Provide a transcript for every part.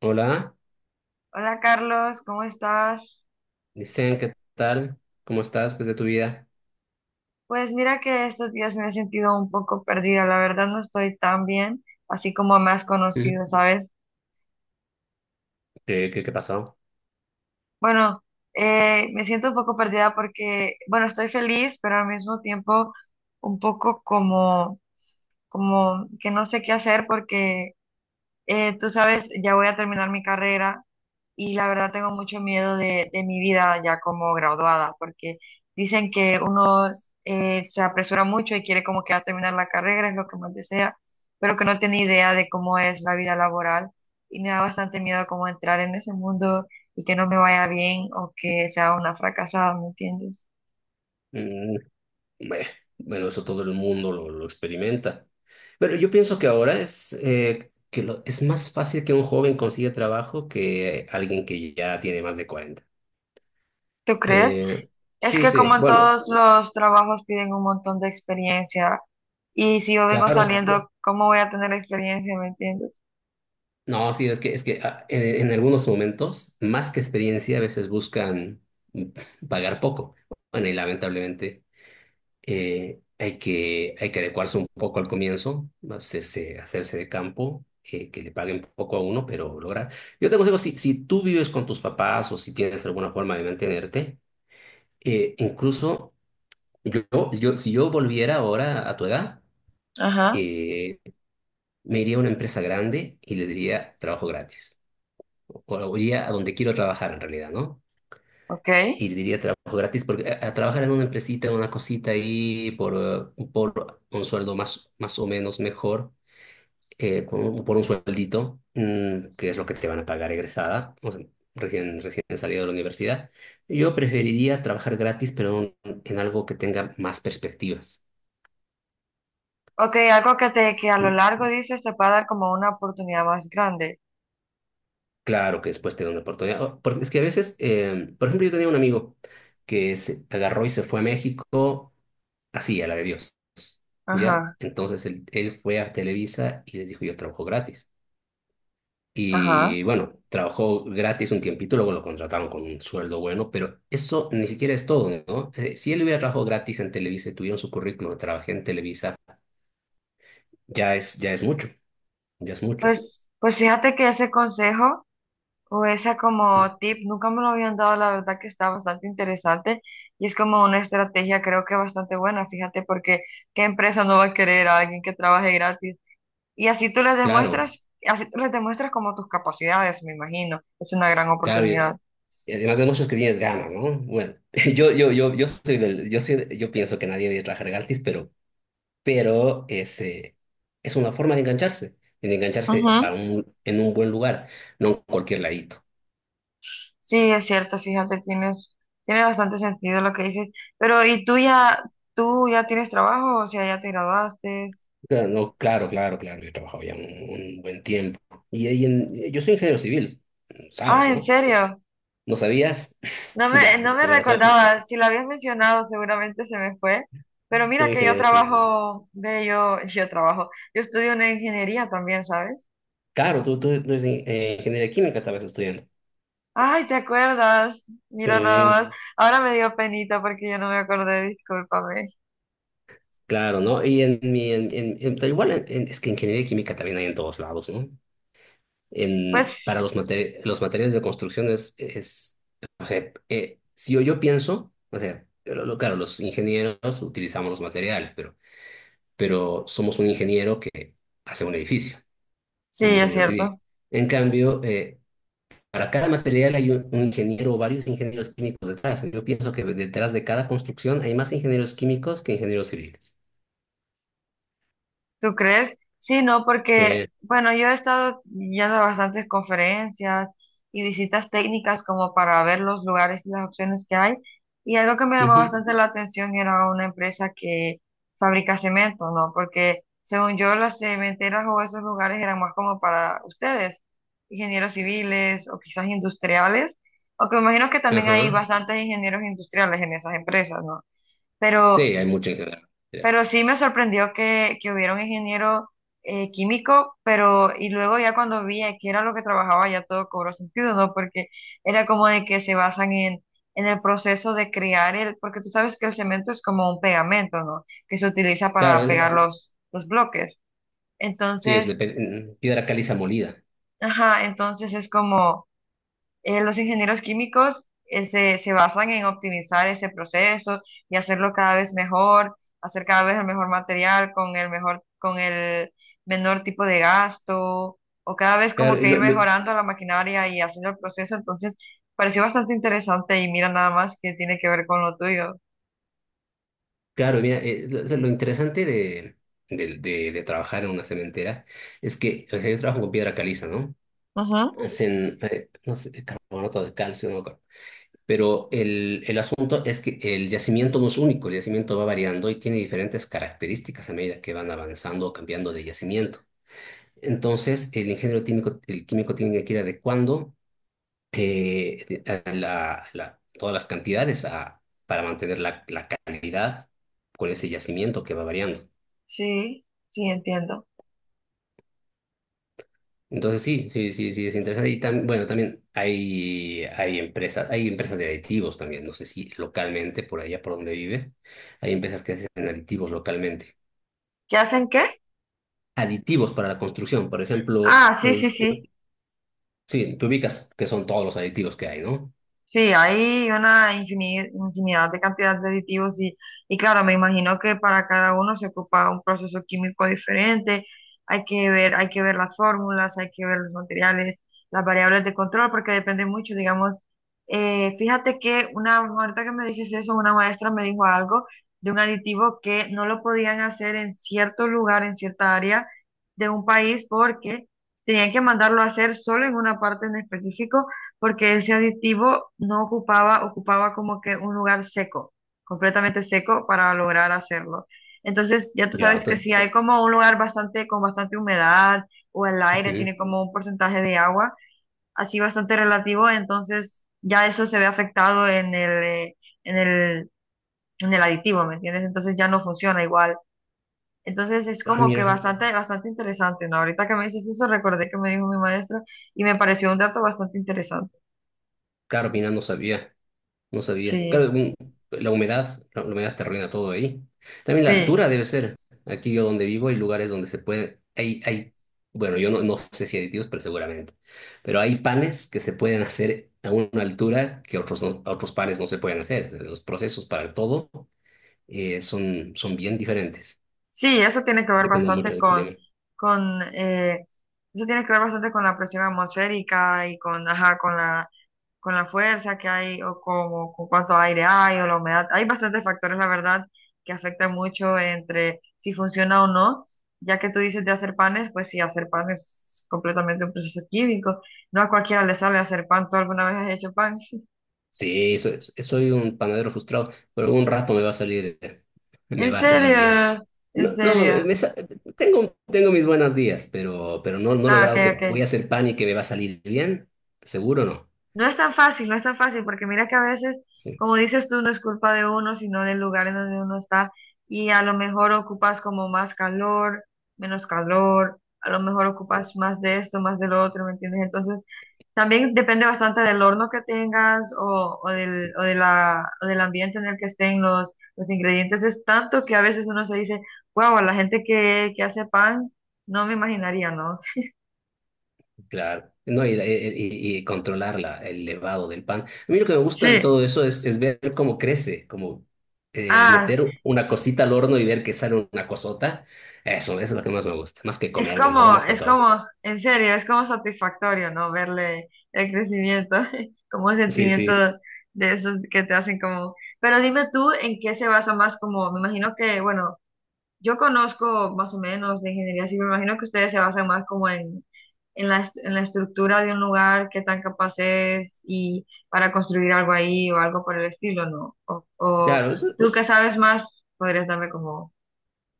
Hola, Hola Carlos, ¿cómo estás? dicen, ¿qué tal? ¿Cómo estás? ¿Qué es de tu vida? Pues mira que estos días me he sentido un poco perdida, la verdad no estoy tan bien, así como me has ¿Mm? conocido, ¿sabes? ¿Qué pasó? Bueno, Me siento un poco perdida porque, bueno, estoy feliz, pero al mismo tiempo un poco como, como que no sé qué hacer porque tú sabes, ya voy a terminar mi carrera y la verdad tengo mucho miedo de mi vida ya como graduada, porque dicen que uno se apresura mucho y quiere como que a terminar la carrera, es lo que más desea, pero que no tiene idea de cómo es la vida laboral y me da bastante miedo como entrar en ese mundo y que no me vaya bien o que sea una fracasada, ¿me entiendes? Mm, beh, bueno, eso todo el mundo lo experimenta. Pero yo pienso que ahora es, es más fácil que un joven consiga trabajo que alguien que ya tiene más de 40. ¿Tú crees? Eh, Es sí, que sí, como en bueno, todos los trabajos piden un montón de experiencia y si yo vengo Obvio. claro, Saliendo, ¿cómo voy a tener experiencia? ¿Me entiendes? no, sí, es que en algunos momentos, más que experiencia, a veces buscan mm, pagar poco. Bueno, y lamentablemente, hay que adecuarse un poco al comienzo, hacerse de campo, que le paguen poco a uno, pero lograr. Yo te aconsejo, si tú vives con tus papás o si tienes alguna forma de mantenerte, incluso yo, si yo volviera ahora a tu edad, Ajá, eh, me iría a una empresa grande y les diría trabajo gratis. O iría a donde quiero trabajar en realidad, ¿no? ok. Y diría trabajo gratis, porque a trabajar en una empresita, una cosita ahí por un sueldo más o menos mejor, por un sueldito, que es lo que te van a pagar egresada, o sea, recién salida de la universidad. Yo preferiría trabajar gratis, pero en algo que tenga más perspectivas. Ok, algo que te que a lo Mm, largo dices te puede dar como una oportunidad más grande. Claro que después te da una oportunidad. Porque es que a veces, por ejemplo, yo tenía un amigo que se agarró y se fue a México así, a la de Dios. ¿Ya? Ajá, Entonces él fue a Televisa y les dijo, yo trabajo gratis. ajá. Y bueno, trabajó gratis un tiempito, luego lo contrataron con un sueldo bueno, pero eso ni siquiera es todo, ¿no? Si él hubiera trabajado gratis en Televisa y tuviera en su currículum, trabajé en Televisa, ya es mucho, ya es mucho. Pues, pues fíjate que ese consejo o esa como tip nunca me lo habían dado, la verdad que está bastante interesante y es como una estrategia creo que bastante buena, fíjate, porque ¿qué empresa no va a querer a alguien que trabaje gratis? Y así tú les Claro, demuestras, así tú les demuestras como tus capacidades, me imagino. Es una gran claro, y oportunidad. y además de muchos que tienes ganas, ¿no? Bueno, yo soy del, yo soy, yo pienso que nadie debe trabajar gratis, pero pero es, eh, es una forma de engancharse Ujú. En un buen lugar, no en cualquier ladito. Sí, es cierto, fíjate, tienes, tiene bastante sentido lo que dices. Pero, ¿y tú ya tienes trabajo? O sea, ya te graduaste. Claro, no, claro, claro, claro, yo he trabajado ya un buen tiempo. Y, ahí yo soy ingeniero civil, Ah, ¿sabes, ¿en no? serio? ¿No sabías? No Ya, me bueno, recordaba, si lo habías mencionado, seguramente se me fue. Pero mira soy que yo ingeniero civil. trabajo, ve, yo, yo trabajo, yo estudio una ingeniería también, ¿sabes? Claro, tú eres ingeniería química, estabas estudiando. Ay, ¿te acuerdas? Mira Sí, nada Sí. más. Sí. Ahora me dio penita porque yo no me acordé, discúlpame. claro, ¿no? Y en mi, en- tal igual, es que ingeniería química también hay en todos lados, ¿no? En para Pues los materiales de construcción es o sea, si yo pienso, o sea, claro, los ingenieros utilizamos los materiales, pero somos un ingeniero que hace un edificio, sí, un es ingeniero cierto. civil. En cambio, para cada material hay un ingeniero o varios ingenieros químicos detrás. Yo pienso que detrás de cada construcción hay más ingenieros químicos que ingenieros civiles. ¿Tú crees? Sí, no, porque, Sí. bueno, yo he estado yendo a bastantes conferencias y visitas técnicas como para ver los lugares y las opciones que hay. Y algo que me llamó Ujú. bastante la atención era una empresa que fabrica cemento, ¿no? Porque según yo, las cementeras o esos lugares eran más como para ustedes, ingenieros civiles o quizás industriales, aunque me imagino que también hay Ajá. bastantes ingenieros industriales en esas empresas, ¿no? Sí, Pero... hay mucho ingeniero. Pero sí me sorprendió que hubiera un ingeniero químico, pero y luego ya cuando vi a qué era lo que trabajaba ya todo cobró sentido, ¿no? Porque era como de que se basan en el proceso de crear el, porque tú sabes que el cemento es como un pegamento, ¿no? Que se utiliza Claro, para pegar Claro. Los bloques. sí, es de Entonces, piedra caliza molida. ajá, entonces es como los ingenieros químicos se basan en optimizar ese proceso y hacerlo cada vez mejor, hacer cada vez el mejor material con el mejor, con el menor tipo de gasto, o cada vez Claro, como y que ir mejorando la maquinaria y haciendo el proceso. Entonces, pareció bastante interesante y mira nada más que tiene que ver con lo tuyo. claro, mira, o sea, lo interesante de trabajar en una cementera es que, o sea, yo trabajo con piedra caliza, ¿no? Ujú, Hacen, no sé, carbonato de calcio, no me acuerdo. Pero el asunto es que el yacimiento no es único, el yacimiento va variando y tiene diferentes características a medida que van avanzando o cambiando de yacimiento. Entonces, el ingeniero químico, el químico tiene que ir adecuando eh, todas las cantidades para mantener la calidad con ese yacimiento que va variando. sí, sí, entiendo. Entonces sí, sí, sí, sí, es interesante. Y bueno, también hay empresas de aditivos también, no sé si localmente, por allá por donde vives, hay empresas que hacen aditivos localmente. ¿Qué hacen qué? Aditivos para la construcción, por ejemplo, Ah, sí, sí, sí. sí, tú ubicas que son todos los aditivos que hay, ¿no? Sí, hay una infini- infinidad de cantidad de aditivos y claro, me imagino que para cada uno se ocupa un proceso químico diferente, hay que ver las fórmulas, hay que ver los materiales, las variables de control, porque depende mucho, digamos, fíjate que una, ahorita que me dices eso, una maestra me dijo algo de un aditivo que no lo podían hacer en cierto lugar, en cierta área de un país, porque tenían que mandarlo a hacer solo en una parte en específico porque ese aditivo no ocupaba, ocupaba como que un lugar seco, completamente seco para lograr hacerlo. Entonces, ya tú Ya. sabes que Entonces, si hay como un lugar bastante, con bastante humedad o el aire ujú. tiene como un porcentaje de agua, así bastante relativo, entonces ya eso se ve afectado en en el, en el aditivo, ¿me entiendes? Entonces ya no funciona igual. Entonces es Ah, como que mira, bastante, bastante interesante, ¿no? Ahorita que me dices eso, recordé que me dijo mi maestra y me pareció un dato bastante interesante. claro, mira, no sabía. No sabía. Sí, Claro, la humedad, la humedad te arruina todo ahí. También la sí. altura debe ser. Aquí yo donde vivo hay lugares donde se puede, hay, bueno, yo no sé si aditivos, pero seguramente. Pero hay panes que se pueden hacer a una altura que otros, otros panes no se pueden hacer. Los procesos para todo son bien diferentes. Sí, eso tiene que ver Depende mucho bastante del con, clima. con eh, eso tiene que ver bastante con la presión atmosférica y con, ajá, con la fuerza que hay o como, con cuánto aire hay o la humedad. Hay bastantes factores, la verdad, que afectan mucho entre si funciona o no. Ya que tú dices de hacer panes, pues sí, hacer pan es completamente un proceso químico. No a cualquiera le sale hacer pan. ¿Tú alguna vez has hecho pan? Sí, soy un panadero frustrado, pero un rato me va a salir, me ¿En va a salir bien. serio? ¿En No, no, serio? me tengo mis buenos días, pero no he Ah, ok, logrado que voy a ok. hacer pan y que me va a salir bien. Seguro no. No es tan fácil, no es tan fácil, porque mira que a veces, Sí, como dices tú, no es culpa de uno, sino del lugar en donde uno está, y a lo mejor ocupas como más calor, menos calor, a lo mejor eh, ocupas más de esto, más de lo otro, ¿me entiendes? Entonces, también depende bastante del horno que tengas o del, o de la, o del ambiente en el que estén los ingredientes. Es tanto que a veces uno se dice, wow, la gente que hace pan, no me imaginaría, ¿no? claro. No, y controlar el levado del pan. A mí lo que me gusta de Sí. todo eso es ver cómo crece, como Ah, meter una cosita al horno y ver que sale una cosota. Eso es lo que más me gusta, más que es comérmelo, como, más que es todo. como, en serio, es como satisfactorio, ¿no? Verle el crecimiento, como un Sí, sentimiento sí. de esos que te hacen como... Pero dime tú, ¿en qué se basa más como, me imagino que, bueno, yo conozco más o menos de ingeniería civil, me imagino que ustedes se basan más como en, est- en la estructura de un lugar, qué tan capaz es y para construir algo ahí o algo por el estilo, ¿no? O Claro, tú que sabes más, podrías darme como,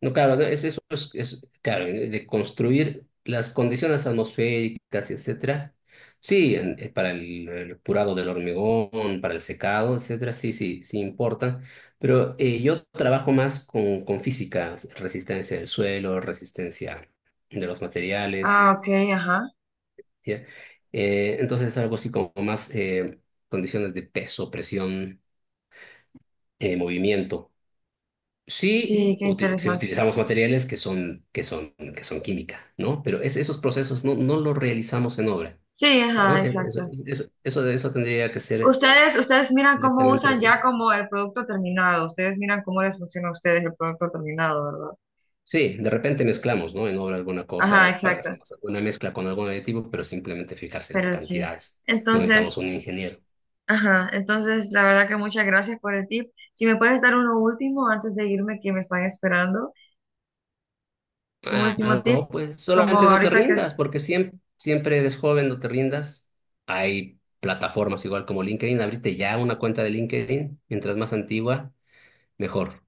no, claro, no, eso es, claro, de construir las condiciones atmosféricas, etcétera. Sí, para el curado del hormigón, para el secado, etcétera, sí, sí, sí importan. Pero yo trabajo más con, física, resistencia del suelo, resistencia de los materiales, ah, ok, ajá, ¿ya? Entonces algo así como más condiciones de peso, presión, movimiento. Sí, sí, qué sí interesante. utilizamos materiales que son, que son química, ¿no? Pero esos procesos no los realizamos en obra, Sí, ajá, ¿no? Eso, exacto. Tendría que ser Ustedes, ustedes miran cómo directamente usan las- ya como el producto terminado. Ustedes miran cómo les funciona a ustedes el producto terminado, ¿verdad? Sí, de repente mezclamos, ¿no? En obra alguna Ajá, cosa, exacto. hacemos alguna mezcla con algún aditivo, pero simplemente fijarse las Pero sí. cantidades. No necesitamos Entonces, un ingeniero. ajá, entonces la verdad que muchas gracias por el tip. Si me puedes dar uno último antes de irme, que me están esperando. Un Ah, último Claro. tip, no, pues como solamente no te ahorita que rindas, es- porque siempre, siempre eres joven, no te rindas. Hay plataformas igual como LinkedIn, abrirte ya una cuenta de LinkedIn, mientras más antigua, mejor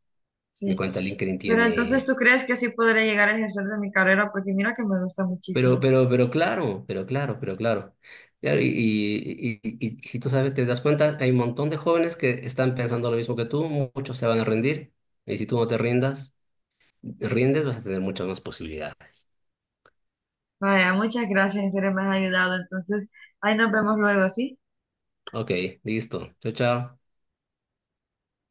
de sí. cuánta LinkedIn Pero entonces, tiene. ¿tú crees que así podré llegar a ejercer de mi carrera? Porque mira que me gusta Pero, muchísimo. pero, pero claro, pero claro, pero claro. Claro, y si tú sabes, te das cuenta, hay un montón de jóvenes que están pensando lo mismo que tú, muchos se van a rendir, y si tú no te rindes, vas a tener muchas más posibilidades. Vaya, muchas gracias, en serio me has ayudado. Entonces, ahí nos vemos luego, ¿sí? Ok, listo. Chao, chao.